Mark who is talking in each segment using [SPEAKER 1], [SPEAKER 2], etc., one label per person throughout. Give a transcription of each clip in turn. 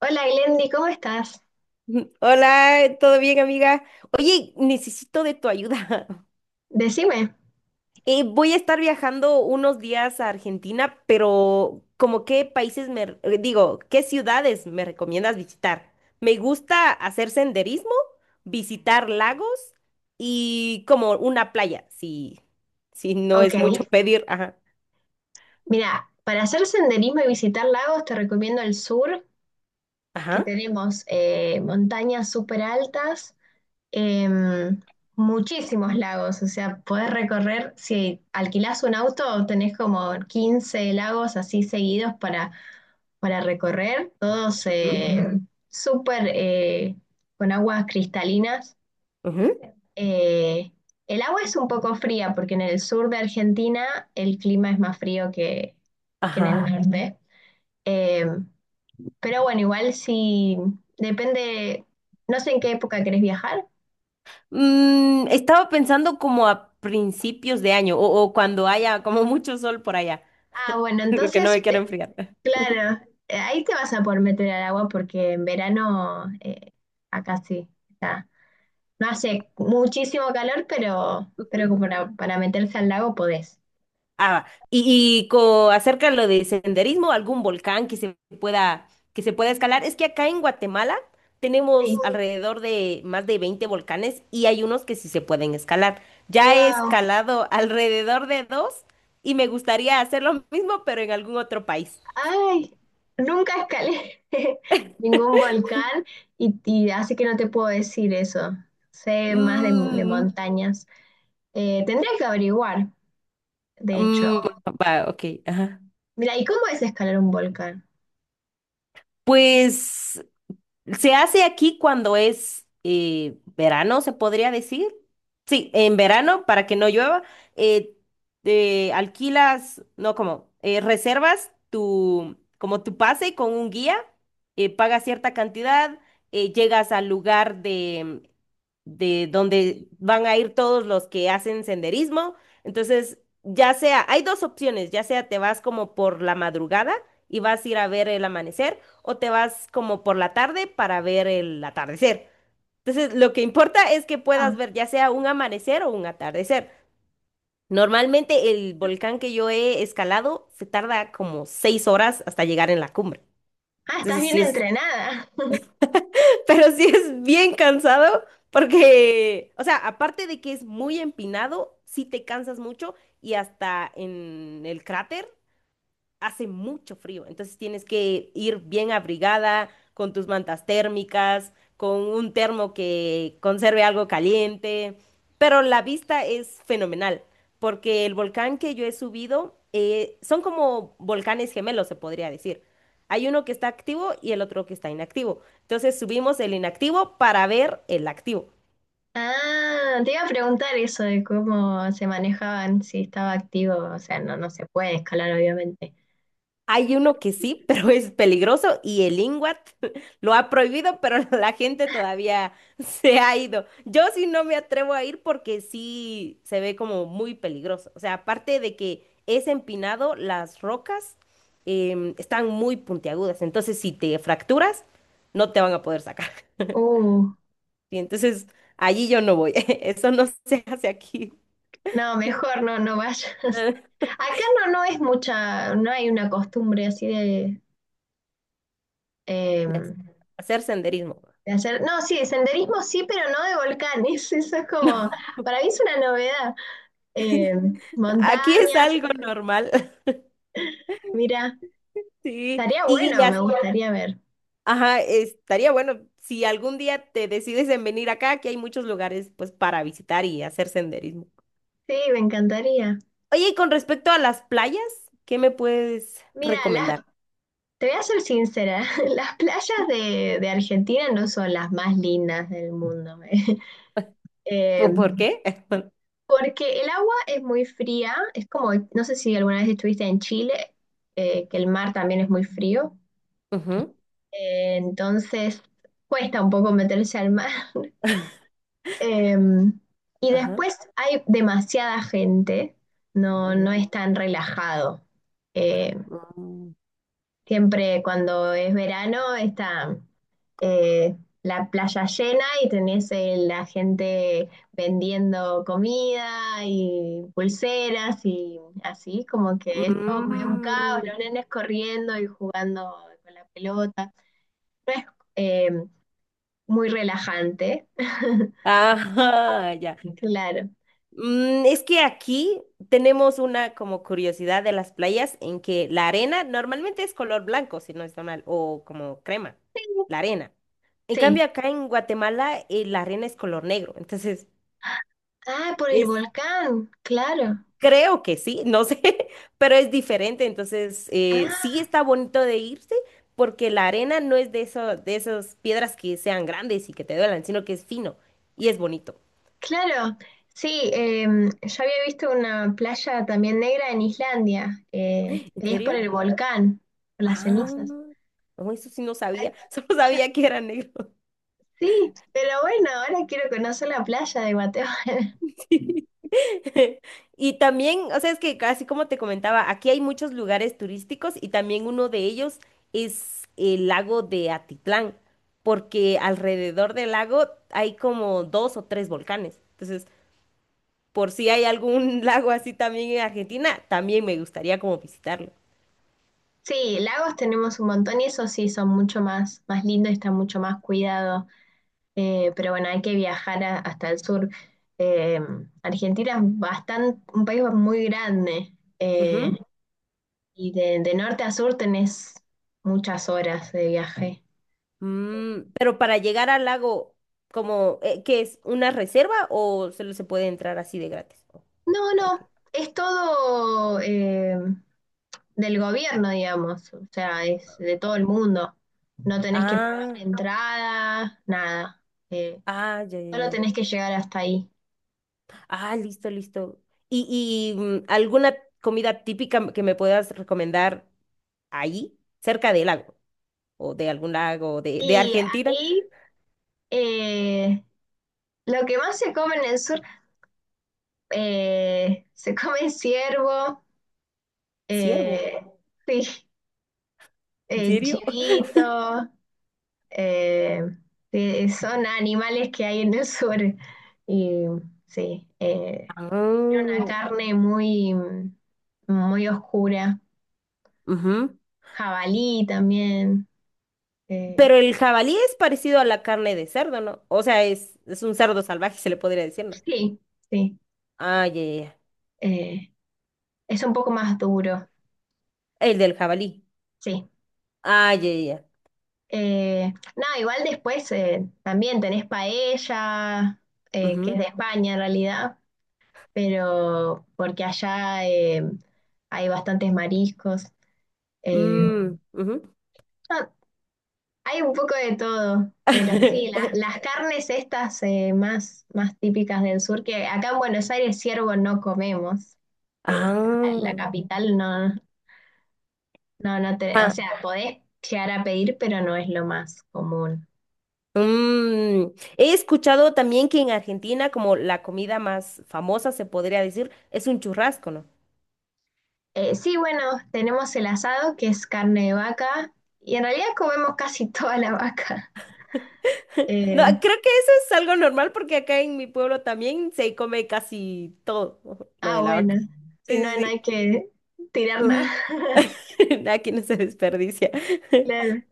[SPEAKER 1] Hola Glendy, ¿cómo estás?
[SPEAKER 2] Hola, ¿todo bien, amiga? Oye, necesito de tu ayuda.
[SPEAKER 1] Decime.
[SPEAKER 2] Voy a estar viajando unos días a Argentina, pero ¿como qué países qué ciudades me recomiendas visitar? Me gusta hacer senderismo, visitar lagos y como una playa, si, si no
[SPEAKER 1] Ok,
[SPEAKER 2] es mucho pedir. Ajá,
[SPEAKER 1] mira, para hacer senderismo y visitar lagos te recomiendo el sur, que
[SPEAKER 2] ajá,
[SPEAKER 1] tenemos montañas súper altas, em, muchísimos lagos, o sea, podés recorrer, si alquilás un auto, tenés como 15 lagos así seguidos para recorrer, todos
[SPEAKER 2] ujú,
[SPEAKER 1] súper con aguas cristalinas.
[SPEAKER 2] ujú,
[SPEAKER 1] Eh, el agua es un poco fría porque en el sur de Argentina el clima es más frío que en el
[SPEAKER 2] ajá.
[SPEAKER 1] norte. Eh, pero bueno, igual si depende, no sé en qué época querés viajar.
[SPEAKER 2] Mm, estaba pensando como a principios de año o cuando haya como mucho sol por allá.
[SPEAKER 1] Ah, bueno,
[SPEAKER 2] Porque no
[SPEAKER 1] entonces,
[SPEAKER 2] me quiero enfriar.
[SPEAKER 1] claro, ahí te vas a poder meter al agua porque en verano acá sí está. No hace muchísimo calor, pero
[SPEAKER 2] Ujú.
[SPEAKER 1] como para meterse al lago podés.
[SPEAKER 2] Ah, acerca de lo de senderismo, algún volcán que se pueda escalar. Es que acá en Guatemala tenemos
[SPEAKER 1] Sí.
[SPEAKER 2] alrededor de más de 20 volcanes y hay unos que sí se pueden escalar. Ya he
[SPEAKER 1] Wow.
[SPEAKER 2] escalado alrededor de dos y me gustaría hacer lo mismo, pero en algún otro país.
[SPEAKER 1] Ay, nunca escalé ningún volcán y así que no te puedo decir eso. Sé más de
[SPEAKER 2] Mm,
[SPEAKER 1] montañas. Tendría que averiguar, de hecho.
[SPEAKER 2] mm, va, ok, ajá.
[SPEAKER 1] Mira, ¿y cómo es escalar un volcán?
[SPEAKER 2] Pues se hace aquí cuando es verano, se podría decir. Sí, en verano, para que no llueva, eh, alquilas, no, como, reservas tu, como tu pase con un guía, pagas cierta cantidad, llegas al lugar de donde van a ir todos los que hacen senderismo. Entonces, ya sea, hay dos opciones, ya sea te vas como por la madrugada y vas a ir a ver el amanecer o te vas como por la tarde para ver el atardecer. Entonces, lo que importa es que puedas
[SPEAKER 1] Ah.
[SPEAKER 2] ver ya sea un amanecer o un atardecer. Normalmente el volcán que yo he escalado se tarda como 6 horas hasta llegar en la cumbre.
[SPEAKER 1] Ah, estás
[SPEAKER 2] Entonces,
[SPEAKER 1] bien
[SPEAKER 2] sí es
[SPEAKER 1] entrenada.
[SPEAKER 2] pero sí es bien cansado porque, o sea, aparte de que es muy empinado, sí te cansas mucho y hasta en el cráter hace mucho frío, entonces tienes que ir bien abrigada, con tus mantas térmicas, con un termo que conserve algo caliente, pero la vista es fenomenal, porque el volcán que yo he subido son como volcanes gemelos, se podría decir. Hay uno que está activo y el otro que está inactivo. Entonces subimos el inactivo para ver el activo.
[SPEAKER 1] Ah, te iba a preguntar eso de cómo se manejaban, si estaba activo, o sea, no se puede escalar, obviamente.
[SPEAKER 2] Hay uno que sí, pero es peligroso y el INGWAT lo ha prohibido, pero la gente todavía se ha ido. Yo sí no me atrevo a ir porque sí se ve como muy peligroso. O sea, aparte de que es empinado, las rocas están muy puntiagudas. Entonces, si te fracturas, no te van a poder sacar.
[SPEAKER 1] Uh,
[SPEAKER 2] Y entonces, allí yo no voy. Eso no se hace aquí.
[SPEAKER 1] no, mejor no vayas. Acá no, no es mucha, no hay una costumbre así de,
[SPEAKER 2] De
[SPEAKER 1] eh,
[SPEAKER 2] hacer senderismo.
[SPEAKER 1] de hacer, no, sí, de senderismo sí, pero no de volcanes. Eso es como,
[SPEAKER 2] No,
[SPEAKER 1] para mí es una novedad. Eh,
[SPEAKER 2] aquí es
[SPEAKER 1] Montañas,
[SPEAKER 2] algo normal.
[SPEAKER 1] mira,
[SPEAKER 2] Sí,
[SPEAKER 1] estaría
[SPEAKER 2] y
[SPEAKER 1] bueno, me
[SPEAKER 2] ya,
[SPEAKER 1] gustaría ver.
[SPEAKER 2] ajá, estaría bueno si algún día te decides en venir acá, que hay muchos lugares pues para visitar y hacer senderismo.
[SPEAKER 1] Sí, me encantaría.
[SPEAKER 2] Oye, y con respecto a las playas, ¿qué me puedes
[SPEAKER 1] Mira,
[SPEAKER 2] recomendar?
[SPEAKER 1] te voy a ser sincera, las playas de Argentina no son las más lindas del mundo, eh,
[SPEAKER 2] ¿Po- ¿Por qué?
[SPEAKER 1] porque el agua es muy fría, es como, no sé si alguna vez estuviste en Chile, que el mar también es muy frío.
[SPEAKER 2] Ujú,
[SPEAKER 1] Entonces cuesta un poco meterse al mar. Em, y
[SPEAKER 2] ajá,
[SPEAKER 1] después hay demasiada gente, no,
[SPEAKER 2] ujú.
[SPEAKER 1] no es tan relajado. Eh,
[SPEAKER 2] Mm.
[SPEAKER 1] Siempre cuando es verano está eh, la playa llena y tenés la gente vendiendo comida y pulseras y así, como que esto es todo medio un caos,
[SPEAKER 2] Mm.
[SPEAKER 1] los nenes corriendo y jugando con la pelota. No es, eh, Muy relajante.
[SPEAKER 2] Ajá, ya.
[SPEAKER 1] Claro.
[SPEAKER 2] Mm, es que aquí tenemos una como curiosidad de las playas en que la arena normalmente es color blanco, si no está mal, o como crema, la arena. En
[SPEAKER 1] Sí.
[SPEAKER 2] cambio, acá en Guatemala, la arena es color negro. Entonces,
[SPEAKER 1] Ah, por el
[SPEAKER 2] es,
[SPEAKER 1] volcán, claro.
[SPEAKER 2] creo que sí, no sé, pero es diferente. Entonces, sí
[SPEAKER 1] Ah,
[SPEAKER 2] está bonito de irse porque la arena no es de eso, de esas piedras que sean grandes y que te duelan, sino que es fino y es bonito.
[SPEAKER 1] claro. Sí, yo había visto una playa también negra en Islandia,
[SPEAKER 2] ¿En
[SPEAKER 1] y es por
[SPEAKER 2] serio?
[SPEAKER 1] el volcán, por las
[SPEAKER 2] Ah,
[SPEAKER 1] cenizas.
[SPEAKER 2] no, eso sí no
[SPEAKER 1] Ay,
[SPEAKER 2] sabía, solo
[SPEAKER 1] yo-
[SPEAKER 2] sabía que era negro.
[SPEAKER 1] sí, pero bueno, ahora quiero conocer la playa de Guatemala.
[SPEAKER 2] Sí. Y también, o sea, es que así como te comentaba, aquí hay muchos lugares turísticos y también uno de ellos es el lago de Atitlán, porque alrededor del lago hay como dos o tres volcanes. Entonces, por si hay algún lago así también en Argentina, también me gustaría como visitarlo.
[SPEAKER 1] Sí, lagos tenemos un montón y esos sí son mucho más, más lindos y están mucho más cuidados. Pero bueno, hay que viajar hasta el sur. Eh, Argentina es bastante, un país muy grande y de norte a sur tenés muchas horas de viaje.
[SPEAKER 2] Mm, pero para llegar al lago, como que es una reserva o solo se puede entrar así de gratis? Oh,
[SPEAKER 1] No,
[SPEAKER 2] hay que-
[SPEAKER 1] no, es todo del gobierno, digamos, o sea, es de todo el mundo. No tenés que pagar
[SPEAKER 2] Ah,
[SPEAKER 1] entrada, nada. Eh,
[SPEAKER 2] ah, ya, ya,
[SPEAKER 1] Solo
[SPEAKER 2] ya.
[SPEAKER 1] tenés que llegar hasta ahí.
[SPEAKER 2] Ah, listo, listo. Y mm, alguna comida típica que me puedas recomendar ahí, cerca del lago o de algún lago de
[SPEAKER 1] Y
[SPEAKER 2] Argentina?
[SPEAKER 1] ahí eh, lo que más se come en el sur se come ciervo,
[SPEAKER 2] Ciervo.
[SPEAKER 1] eh, sí,
[SPEAKER 2] ¿En serio?
[SPEAKER 1] chivito, eh, sí, son animales que hay en el sur. Y sí, tiene
[SPEAKER 2] Ah,
[SPEAKER 1] una carne muy, muy oscura.
[SPEAKER 2] ujú.
[SPEAKER 1] Jabalí también. eh,
[SPEAKER 2] Pero el jabalí es parecido a la carne de cerdo, ¿no? O sea, es un cerdo salvaje, se le podría decir, ¿no?
[SPEAKER 1] sí, sí.
[SPEAKER 2] Ah, ya, ya, ya.
[SPEAKER 1] eh, es un poco más duro,
[SPEAKER 2] El del jabalí.
[SPEAKER 1] sí.
[SPEAKER 2] Ah, ya, ya, ya.
[SPEAKER 1] Eh, no, Igual después también tenés paella, que es
[SPEAKER 2] Ujú.
[SPEAKER 1] de España en realidad pero porque allá hay bastantes mariscos. eh,
[SPEAKER 2] Mm, ujú.
[SPEAKER 1] no, hay un poco de todo, pero sí, las carnes estas más típicas del sur, que acá en Buenos Aires ciervo no comemos, eh, la
[SPEAKER 2] Ah,
[SPEAKER 1] capital no, no, o
[SPEAKER 2] ah,
[SPEAKER 1] sea, podés llegar a pedir, pero no es lo más común.
[SPEAKER 2] mm. He escuchado también que en Argentina como la comida más famosa se podría decir es un churrasco, ¿no?
[SPEAKER 1] Sí, bueno, tenemos el asado, que es carne de vaca, y en realidad comemos casi toda la vaca.
[SPEAKER 2] No,
[SPEAKER 1] Eh,
[SPEAKER 2] creo que eso es algo normal porque acá en mi pueblo también se come casi todo lo
[SPEAKER 1] Ah,
[SPEAKER 2] de la
[SPEAKER 1] bueno.
[SPEAKER 2] vaca. Sí,
[SPEAKER 1] Si no,
[SPEAKER 2] sí,
[SPEAKER 1] no
[SPEAKER 2] sí.
[SPEAKER 1] hay que tirar nada.
[SPEAKER 2] Ujú. Aquí no se desperdicia.
[SPEAKER 1] Claro.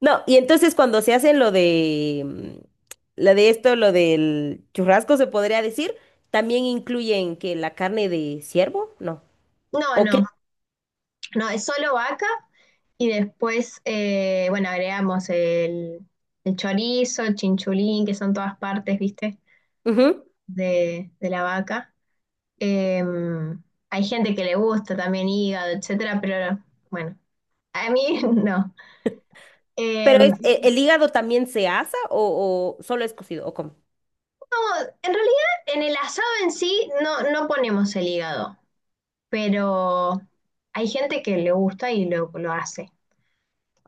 [SPEAKER 2] No, y entonces cuando se hace lo de mm, lo de esto, lo del churrasco, se podría decir, también incluyen que la carne de ciervo, no.
[SPEAKER 1] No,
[SPEAKER 2] ¿O
[SPEAKER 1] no,
[SPEAKER 2] qué?
[SPEAKER 1] no, es solo vaca y después, bueno, el chorizo, el chinchulín, que son todas partes, ¿viste?
[SPEAKER 2] Ujú.
[SPEAKER 1] De la vaca. Eh, Hay gente que le gusta también hígado, etcétera, pero bueno, a mí no. Eh,
[SPEAKER 2] Pero es,
[SPEAKER 1] no,
[SPEAKER 2] e- ¿el hígado también se asa o solo es cocido? ¿O cómo?
[SPEAKER 1] en realidad en el asado en sí no, no ponemos el hígado. Pero hay gente que le gusta y lo hace.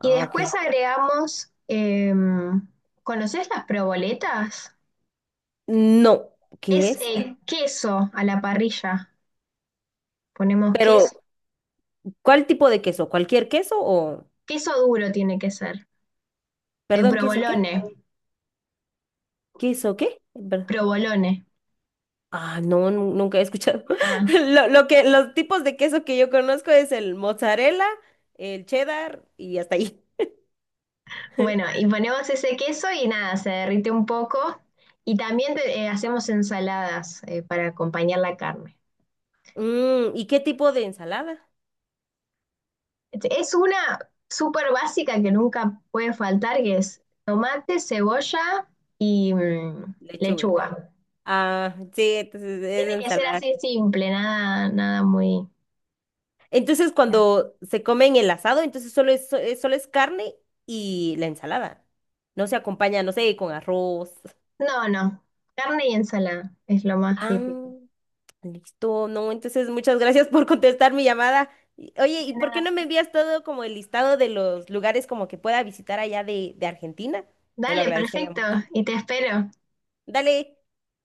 [SPEAKER 1] Y
[SPEAKER 2] ok.
[SPEAKER 1] después agregamos, ¿conoces las proboletas?
[SPEAKER 2] No, ¿qué
[SPEAKER 1] Es
[SPEAKER 2] es?
[SPEAKER 1] queso a la parrilla. Ponemos
[SPEAKER 2] Pero,
[SPEAKER 1] queso,
[SPEAKER 2] ¿cuál tipo de queso? ¿Cualquier queso o?
[SPEAKER 1] queso duro tiene que ser.
[SPEAKER 2] Perdón, ¿queso qué?
[SPEAKER 1] Provolone,
[SPEAKER 2] ¿Queso qué? Perdón.
[SPEAKER 1] provolone.
[SPEAKER 2] Ah, no, nunca he escuchado.
[SPEAKER 1] Ah,
[SPEAKER 2] Lo que, los tipos de queso que yo conozco es el mozzarella, el cheddar y hasta ahí.
[SPEAKER 1] bueno, y ponemos ese queso y nada, se derrite un poco. Y también hacemos ensaladas para acompañar la carne.
[SPEAKER 2] Mm, ¿y qué tipo de ensalada?
[SPEAKER 1] Es una súper básica que nunca puede faltar, que es tomate, cebolla y
[SPEAKER 2] Lechuga.
[SPEAKER 1] lechuga.
[SPEAKER 2] Ah, sí, entonces es
[SPEAKER 1] Tiene que ser
[SPEAKER 2] ensalada.
[SPEAKER 1] así simple, nada, nada muy...
[SPEAKER 2] Entonces,
[SPEAKER 1] No,
[SPEAKER 2] cuando se comen el asado, entonces solo es, solo es carne y la ensalada. No se acompaña, no sé, con arroz.
[SPEAKER 1] no, no. Carne y ensalada es lo más
[SPEAKER 2] Ah.
[SPEAKER 1] típico.
[SPEAKER 2] Listo, no, entonces muchas gracias por contestar mi llamada. Y- Oye,
[SPEAKER 1] De
[SPEAKER 2] ¿y por qué
[SPEAKER 1] nada.
[SPEAKER 2] no me envías todo como el listado de los lugares como que pueda visitar allá de Argentina? Te lo
[SPEAKER 1] Dale,
[SPEAKER 2] agradecería
[SPEAKER 1] perfecto.
[SPEAKER 2] mucho.
[SPEAKER 1] Y te espero.
[SPEAKER 2] Dale,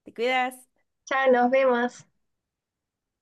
[SPEAKER 2] te cuidas.
[SPEAKER 1] Chao, nos vemos.